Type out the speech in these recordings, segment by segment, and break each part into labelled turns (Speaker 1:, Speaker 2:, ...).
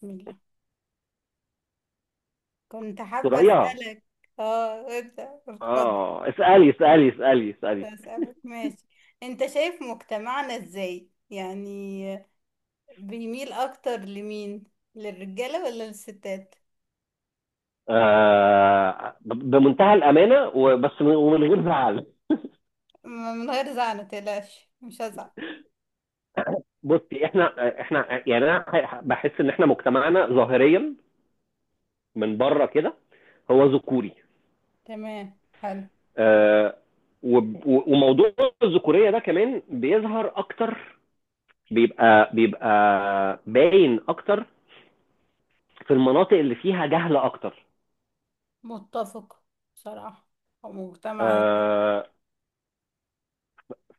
Speaker 1: بسم الله. كنت حابة
Speaker 2: صغيره.
Speaker 1: أسألك. اه ابدأ اتفضل.
Speaker 2: اسالي.
Speaker 1: أسألك ماشي. انت شايف مجتمعنا ازاي يعني؟ بيميل اكتر لمين، للرجالة ولا للستات؟
Speaker 2: بمنتهى الامانه وبس ومن غير زعل.
Speaker 1: م- من غير زعل، متقلقش مش هزعل.
Speaker 2: بصي احنا يعني انا بحس ان احنا مجتمعنا ظاهريا من بره كده هو ذكوري.
Speaker 1: تمام حلو.
Speaker 2: آه. و وموضوع الذكوريه ده كمان بيظهر اكتر، بيبقى باين اكتر في المناطق اللي فيها جهل اكتر.
Speaker 1: متفق بصراحة، هو مجتمع.
Speaker 2: آه،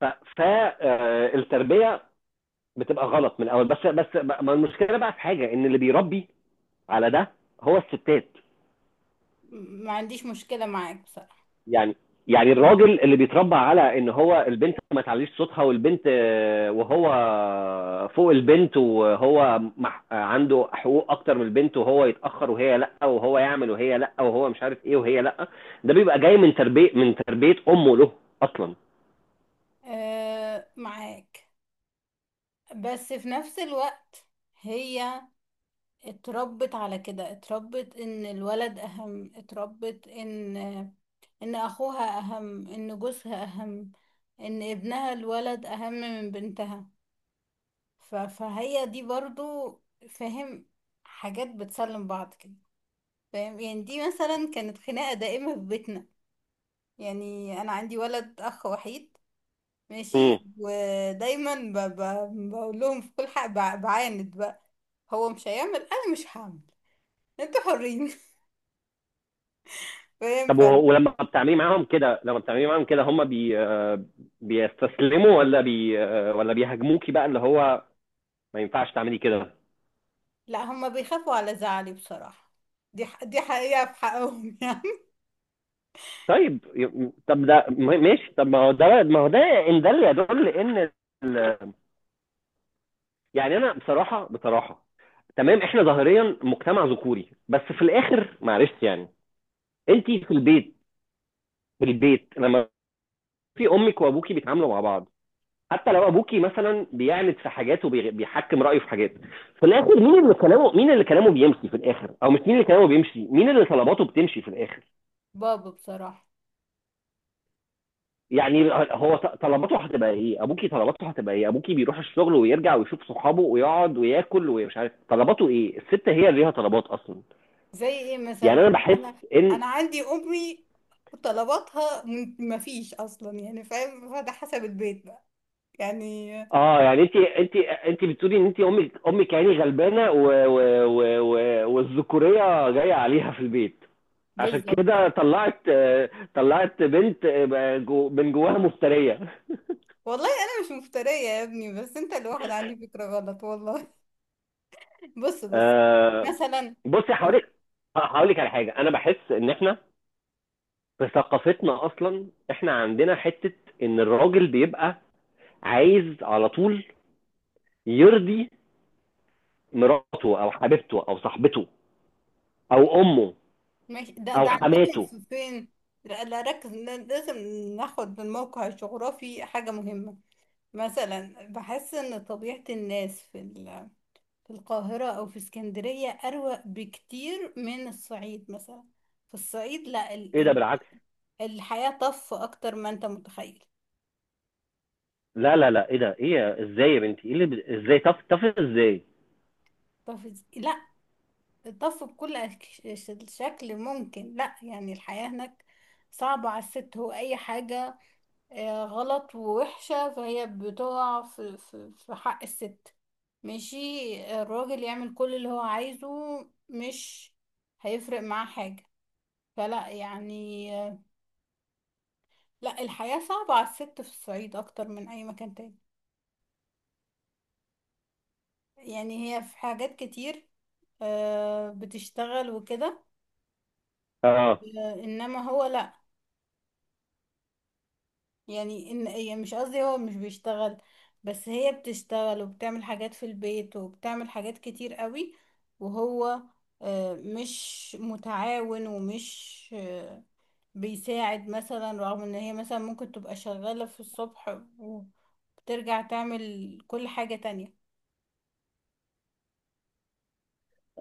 Speaker 2: فالتربيه بتبقى غلط من الاول، بس ما المشكله بقى في حاجه ان اللي بيربي على ده هو الستات.
Speaker 1: ما عنديش مشكلة معاك بصراحة
Speaker 2: يعني، يعني
Speaker 1: يعني.
Speaker 2: الراجل اللي بيتربى على ان هو البنت ما تعليش صوتها والبنت وهو فوق البنت وهو عنده حقوق اكتر من البنت، وهو يتاخر وهي لا، وهو يعمل وهي لا، وهو مش عارف ايه وهي لا. ده بيبقى جاي من تربيه، من تربيه امه له اصلا.
Speaker 1: آه معاك، بس في نفس الوقت هي اتربت على كده، اتربت ان الولد اهم، اتربت ان اخوها اهم، ان جوزها اهم، ان ابنها الولد اهم من بنتها. فهي دي برضو، فاهم، حاجات بتسلم بعض كده. فاهم؟ يعني دي مثلا كانت خناقة دائمة في بيتنا. يعني انا عندي ولد اخ وحيد، ماشي،
Speaker 2: امم.
Speaker 1: ودايما بقول لهم في كل حق، بعاند بقى. هو مش هيعمل، انا مش هعمل. انتوا حرين. فاهم
Speaker 2: طب
Speaker 1: فن؟
Speaker 2: ولما بتعملي معاهم كده، لما بتعملي معاهم كده، هم بي آه، بيستسلموا ولا بي آه، ولا بيهاجموكي بقى اللي هو ما ينفعش تعملي كده؟
Speaker 1: لا، هما بيخافوا على زعلي بصراحة. دي حقيقة في حقهم يعني.
Speaker 2: طيب طب ده ماشي، طب ما هو ده، ما هو ده ان ده اللي يدل ان ال- يعني انا بصراحه، بصراحه تمام، احنا ظاهريا مجتمع ذكوري بس في الاخر، معلش يعني، انت في البيت، في البيت لما في امك وابوكي بيتعاملوا مع بعض، حتى لو ابوكي مثلا بيعند في حاجات وبيحكم رايه في حاجات، في الاخر مين اللي كلامه، مين اللي كلامه بيمشي في الاخر، او مش مين اللي كلامه بيمشي، مين اللي طلباته بتمشي في الاخر؟
Speaker 1: بابا بصراحة.
Speaker 2: يعني هو طلباته هتبقى ايه؟ ابوكي طلباته هتبقى ايه؟ ابوكي بيروح الشغل ويرجع ويشوف صحابه ويقعد وياكل ومش عارف طلباته ايه. الست هي اللي ليها طلبات اصلا.
Speaker 1: زي ايه
Speaker 2: يعني
Speaker 1: مثلا؟
Speaker 2: انا بحس
Speaker 1: انا
Speaker 2: ان
Speaker 1: انا عندي امي، طلباتها مفيش اصلا يعني. فاهم؟ فده حسب البيت بقى يعني.
Speaker 2: اه، يعني انت انت بتقولي ان انت امك، يعني غلبانه و والذكوريه جايه عليها في البيت، عشان
Speaker 1: بالظبط.
Speaker 2: كده طلعت، طلعت بنت من جواها مفترية.
Speaker 1: والله انا مش مفترية يا ابني، بس انت الواحد عندي فكرة غلط والله بص بص
Speaker 2: آه،
Speaker 1: مثلا.
Speaker 2: بصي هقولك، هقولك على حاجة. أنا بحس إن إحنا في ثقافتنا أصلا إحنا عندنا حتة إن الراجل بيبقى عايز على طول يرضي مراته أو حبيبته أو صاحبته أو أمه
Speaker 1: ماشي، ده
Speaker 2: أو
Speaker 1: عندكم
Speaker 2: حماته.
Speaker 1: فين لا لا، ركز لازم ناخد بالموقع الجغرافي، حاجة مهمة. مثلا بحس ان طبيعة الناس في في القاهرة او في اسكندرية اروق بكتير من الصعيد. مثلا في الصعيد، لا ال
Speaker 2: إيه ده
Speaker 1: ال
Speaker 2: بالعكس!
Speaker 1: الحياة طف اكتر ما انت متخيل.
Speaker 2: لا إيه ده؟ إيه إزاي يا بنتي؟ إيه اللي إزاي طف؟ طف إزاي؟
Speaker 1: طف لا طف بكل شكل ممكن. لا يعني الحياة هناك صعبة على الست. هو اي حاجة غلط ووحشة، فهي بتقع في حق الست ماشي. الراجل يعمل كل اللي هو عايزه، مش هيفرق معاه حاجة. فلا يعني لا الحياة صعبة على الست في الصعيد أكتر من أي مكان تاني. يعني هي في حاجات كتير بتشتغل وكده،
Speaker 2: آه.
Speaker 1: إنما هو لا. يعني ان يعني مش قصدي هو مش بيشتغل، بس هي بتشتغل وبتعمل حاجات في البيت وبتعمل حاجات كتير قوي، وهو مش متعاون ومش بيساعد مثلا، رغم ان هي مثلا ممكن تبقى شغالة في الصبح وبترجع تعمل كل حاجة تانية.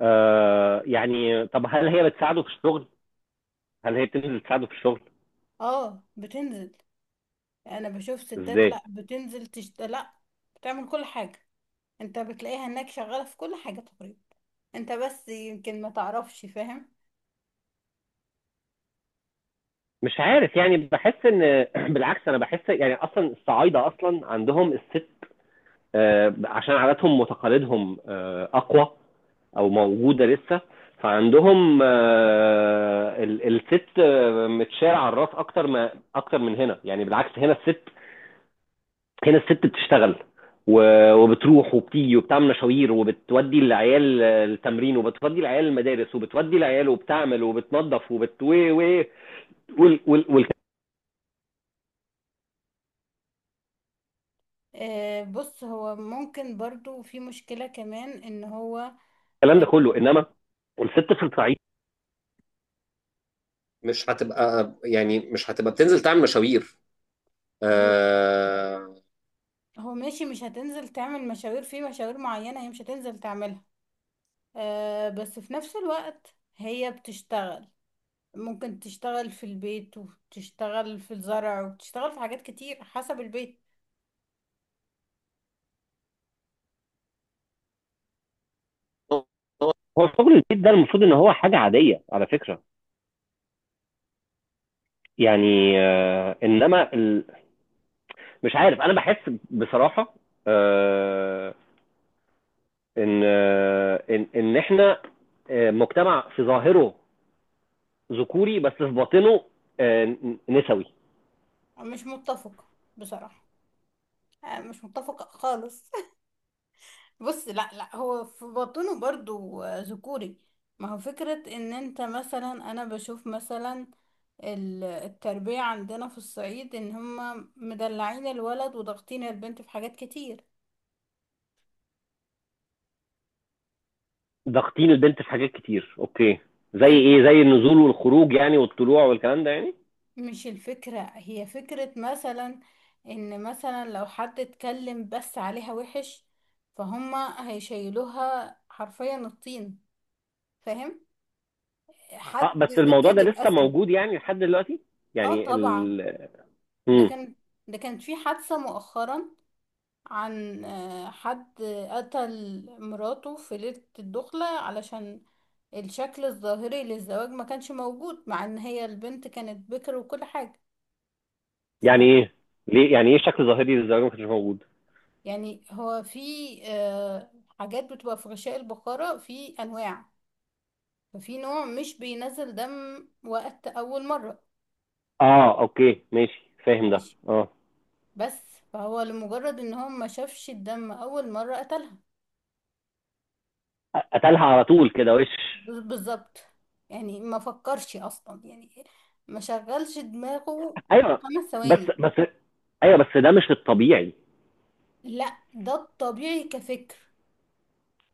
Speaker 2: آه، يعني طب هل هي بتساعده في الشغل؟ هل هي بتنزل تساعده في الشغل؟
Speaker 1: اه بتنزل. انا بشوف ستات،
Speaker 2: ازاي؟
Speaker 1: لا بتنزل لا بتعمل كل حاجة. انت بتلاقيها انك شغالة في كل حاجة تقريبا. انت بس يمكن ما تعرفش. فاهم؟
Speaker 2: مش عارف، يعني بحس ان بالعكس، انا بحس يعني اصلا الصعايده اصلا عندهم الست، عشان عاداتهم وتقاليدهم اقوى او موجوده لسه، فعندهم الست متشال على الراس اكتر ما، اكتر من هنا. يعني بالعكس، هنا الست، هنا الست بتشتغل و وبتروح وبتيجي وبتعمل مشاوير، وبتودي العيال التمرين وبتودي العيال المدارس وبتودي العيال، وبتعمل وبتنظف وبت و و وال والكلام
Speaker 1: بص هو ممكن برضو في مشكلة كمان ان هو آه،
Speaker 2: ده كله. انما الست في الصعيد مش هتبقى، يعني مش هتبقى بتنزل تعمل مشاوير.
Speaker 1: هو
Speaker 2: آه.
Speaker 1: ماشي مش هتنزل تعمل مشاوير، في مشاوير معينة هي مش هتنزل تعملها. بس في نفس الوقت هي بتشتغل، ممكن تشتغل في البيت وتشتغل في الزرع وتشتغل في حاجات كتير حسب البيت.
Speaker 2: هو شغل البيت ده المفروض ان هو حاجه عاديه على فكره. يعني آه، انما مش عارف، انا بحس بصراحه آه ان، ان احنا مجتمع في ظاهره ذكوري بس في باطنه آه نسوي.
Speaker 1: مش متفقة بصراحة، مش متفقة خالص. بص، لا لا هو في بطنه برضو ذكوري ما هو فكرة ان انت مثلا، انا بشوف مثلا التربية عندنا في الصعيد ان هما مدلعين الولد وضاغطين البنت في حاجات كتير.
Speaker 2: ضاغطين البنت في حاجات كتير، اوكي. زي ايه؟
Speaker 1: الم...
Speaker 2: زي النزول والخروج يعني، والطلوع والكلام ده يعني؟
Speaker 1: مش الفكرة، هي فكرة مثلا ان مثلا لو حد اتكلم بس عليها وحش فهما هيشيلوها حرفيا الطين. فاهم؟
Speaker 2: اه
Speaker 1: حد
Speaker 2: بس الموضوع ده
Speaker 1: كذب
Speaker 2: لسه
Speaker 1: اصلا.
Speaker 2: موجود يعني لحد دلوقتي؟
Speaker 1: اه
Speaker 2: يعني
Speaker 1: طبعا.
Speaker 2: ال
Speaker 1: ده
Speaker 2: امم.
Speaker 1: كان، ده كانت في حادثة مؤخرا عن حد قتل مراته في ليلة الدخلة علشان الشكل الظاهري للزواج ما كانش موجود مع ان هي البنت كانت بكر وكل حاجة. ف
Speaker 2: يعني ايه؟ ليه؟ يعني ايه شكل ظاهري للزواج ما كانش موجود؟
Speaker 1: يعني هو في آه، حاجات بتبقى في غشاء البقرة في انواع، ففي نوع مش بينزل دم وقت اول مرة.
Speaker 2: اه اوكي ماشي، فاهم ده.
Speaker 1: ماشي
Speaker 2: اه.
Speaker 1: بس. فهو لمجرد ان هو ما شافش الدم اول مرة قتلها.
Speaker 2: قتلها على طول كده وش؟
Speaker 1: بالظبط يعني ما فكرش اصلا، يعني ما شغلش دماغه
Speaker 2: ايوه.
Speaker 1: خمس
Speaker 2: بس
Speaker 1: ثواني.
Speaker 2: بس ايوه بس ده مش الطبيعي.
Speaker 1: لا ده الطبيعي كفكر.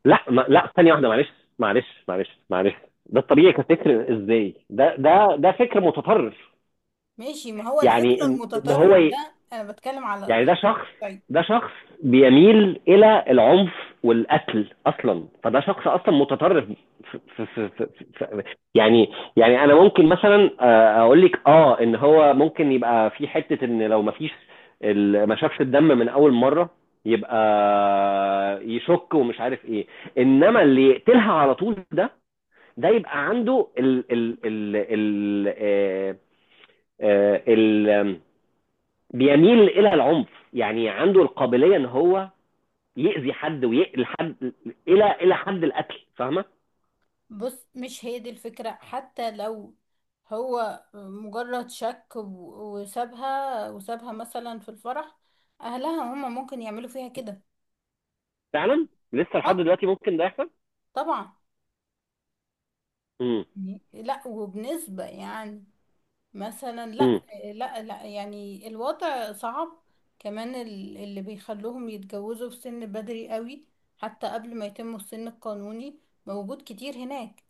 Speaker 2: لا، ما لا ثانيه واحده معلش، معلش. ده الطبيعي كفكر ازاي؟ ده فكر متطرف.
Speaker 1: ماشي، ما هو
Speaker 2: يعني
Speaker 1: الفكر
Speaker 2: ان
Speaker 1: المتطرف
Speaker 2: هو
Speaker 1: ده انا بتكلم على.
Speaker 2: يعني ده شخص،
Speaker 1: طيب
Speaker 2: ده شخص بيميل الى العنف والقتل اصلا، فده شخص اصلا متطرف. ف ف ف ف ف يعني، يعني انا ممكن مثلا اقول لك اه ان هو ممكن يبقى في حته ان لو ما فيش ما شافش الدم من اول مره يبقى يشك ومش عارف ايه. انما اللي يقتلها على طول ده، ده يبقى عنده ال ال ال ال آه، آه، ال- بيميل الى العنف. يعني عنده القابليه ان هو يأذي حد ويقتل حد الى حد القتل، فاهمه؟
Speaker 1: بص، مش هي دي الفكرة. حتى لو هو مجرد شك وسابها وسابها مثلا في الفرح، اهلها هما ممكن يعملوا فيها كده.
Speaker 2: فعلا، لسه لحد
Speaker 1: اه
Speaker 2: دلوقتي ممكن ده يحصل.
Speaker 1: طبعا.
Speaker 2: مم.
Speaker 1: يعني لا، وبنسبة يعني مثلا لا.
Speaker 2: مم.
Speaker 1: لا لا يعني الوضع صعب. كمان اللي بيخلوهم يتجوزوا في سن بدري قوي، حتى قبل ما يتموا السن القانوني، موجود كتير هناك.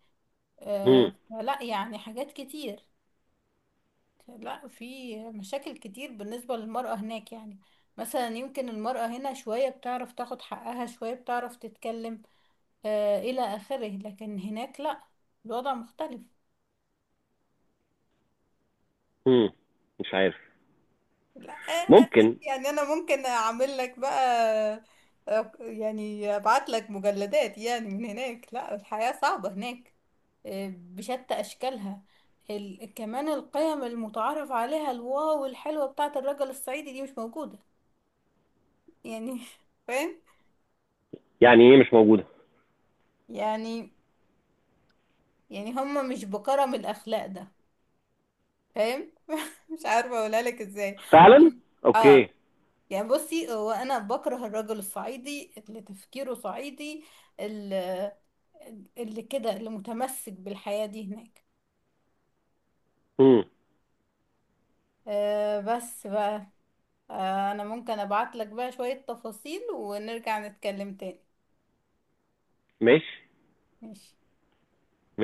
Speaker 2: مم.
Speaker 1: فلا يعني حاجات كتير. لا، في مشاكل كتير بالنسبة للمرأة هناك. يعني مثلا يمكن المرأة هنا شوية بتعرف تاخد حقها، شوية بتعرف تتكلم إلى آخره، لكن هناك لا، الوضع مختلف.
Speaker 2: مم. مش عارف،
Speaker 1: لا
Speaker 2: ممكن.
Speaker 1: يعني انا ممكن اعمل لك بقى، يعني ابعت لك مجلدات يعني من هناك. لا الحياة صعبة هناك بشتى اشكالها. كمان القيم المتعارف عليها الواو الحلوة بتاعة الرجل الصعيدي دي مش موجودة يعني فاهم
Speaker 2: يعني ايه مش موجوده؟
Speaker 1: يعني؟ يعني هما مش بكرم الاخلاق ده. فاهم مش عارفة اقولها لك ازاي.
Speaker 2: فعلا.
Speaker 1: هم- اه
Speaker 2: اوكي.
Speaker 1: يعني، بصي هو انا بكره الرجل الصعيدي اللي تفكيره صعيدي، اللي, اللي كده، اللي متمسك بالحياة دي هناك.
Speaker 2: مم.
Speaker 1: أه بس بقى. أه انا ممكن ابعت لك بقى شوية تفاصيل ونرجع نتكلم تاني.
Speaker 2: ماشي.
Speaker 1: ماشي.
Speaker 2: ماشي.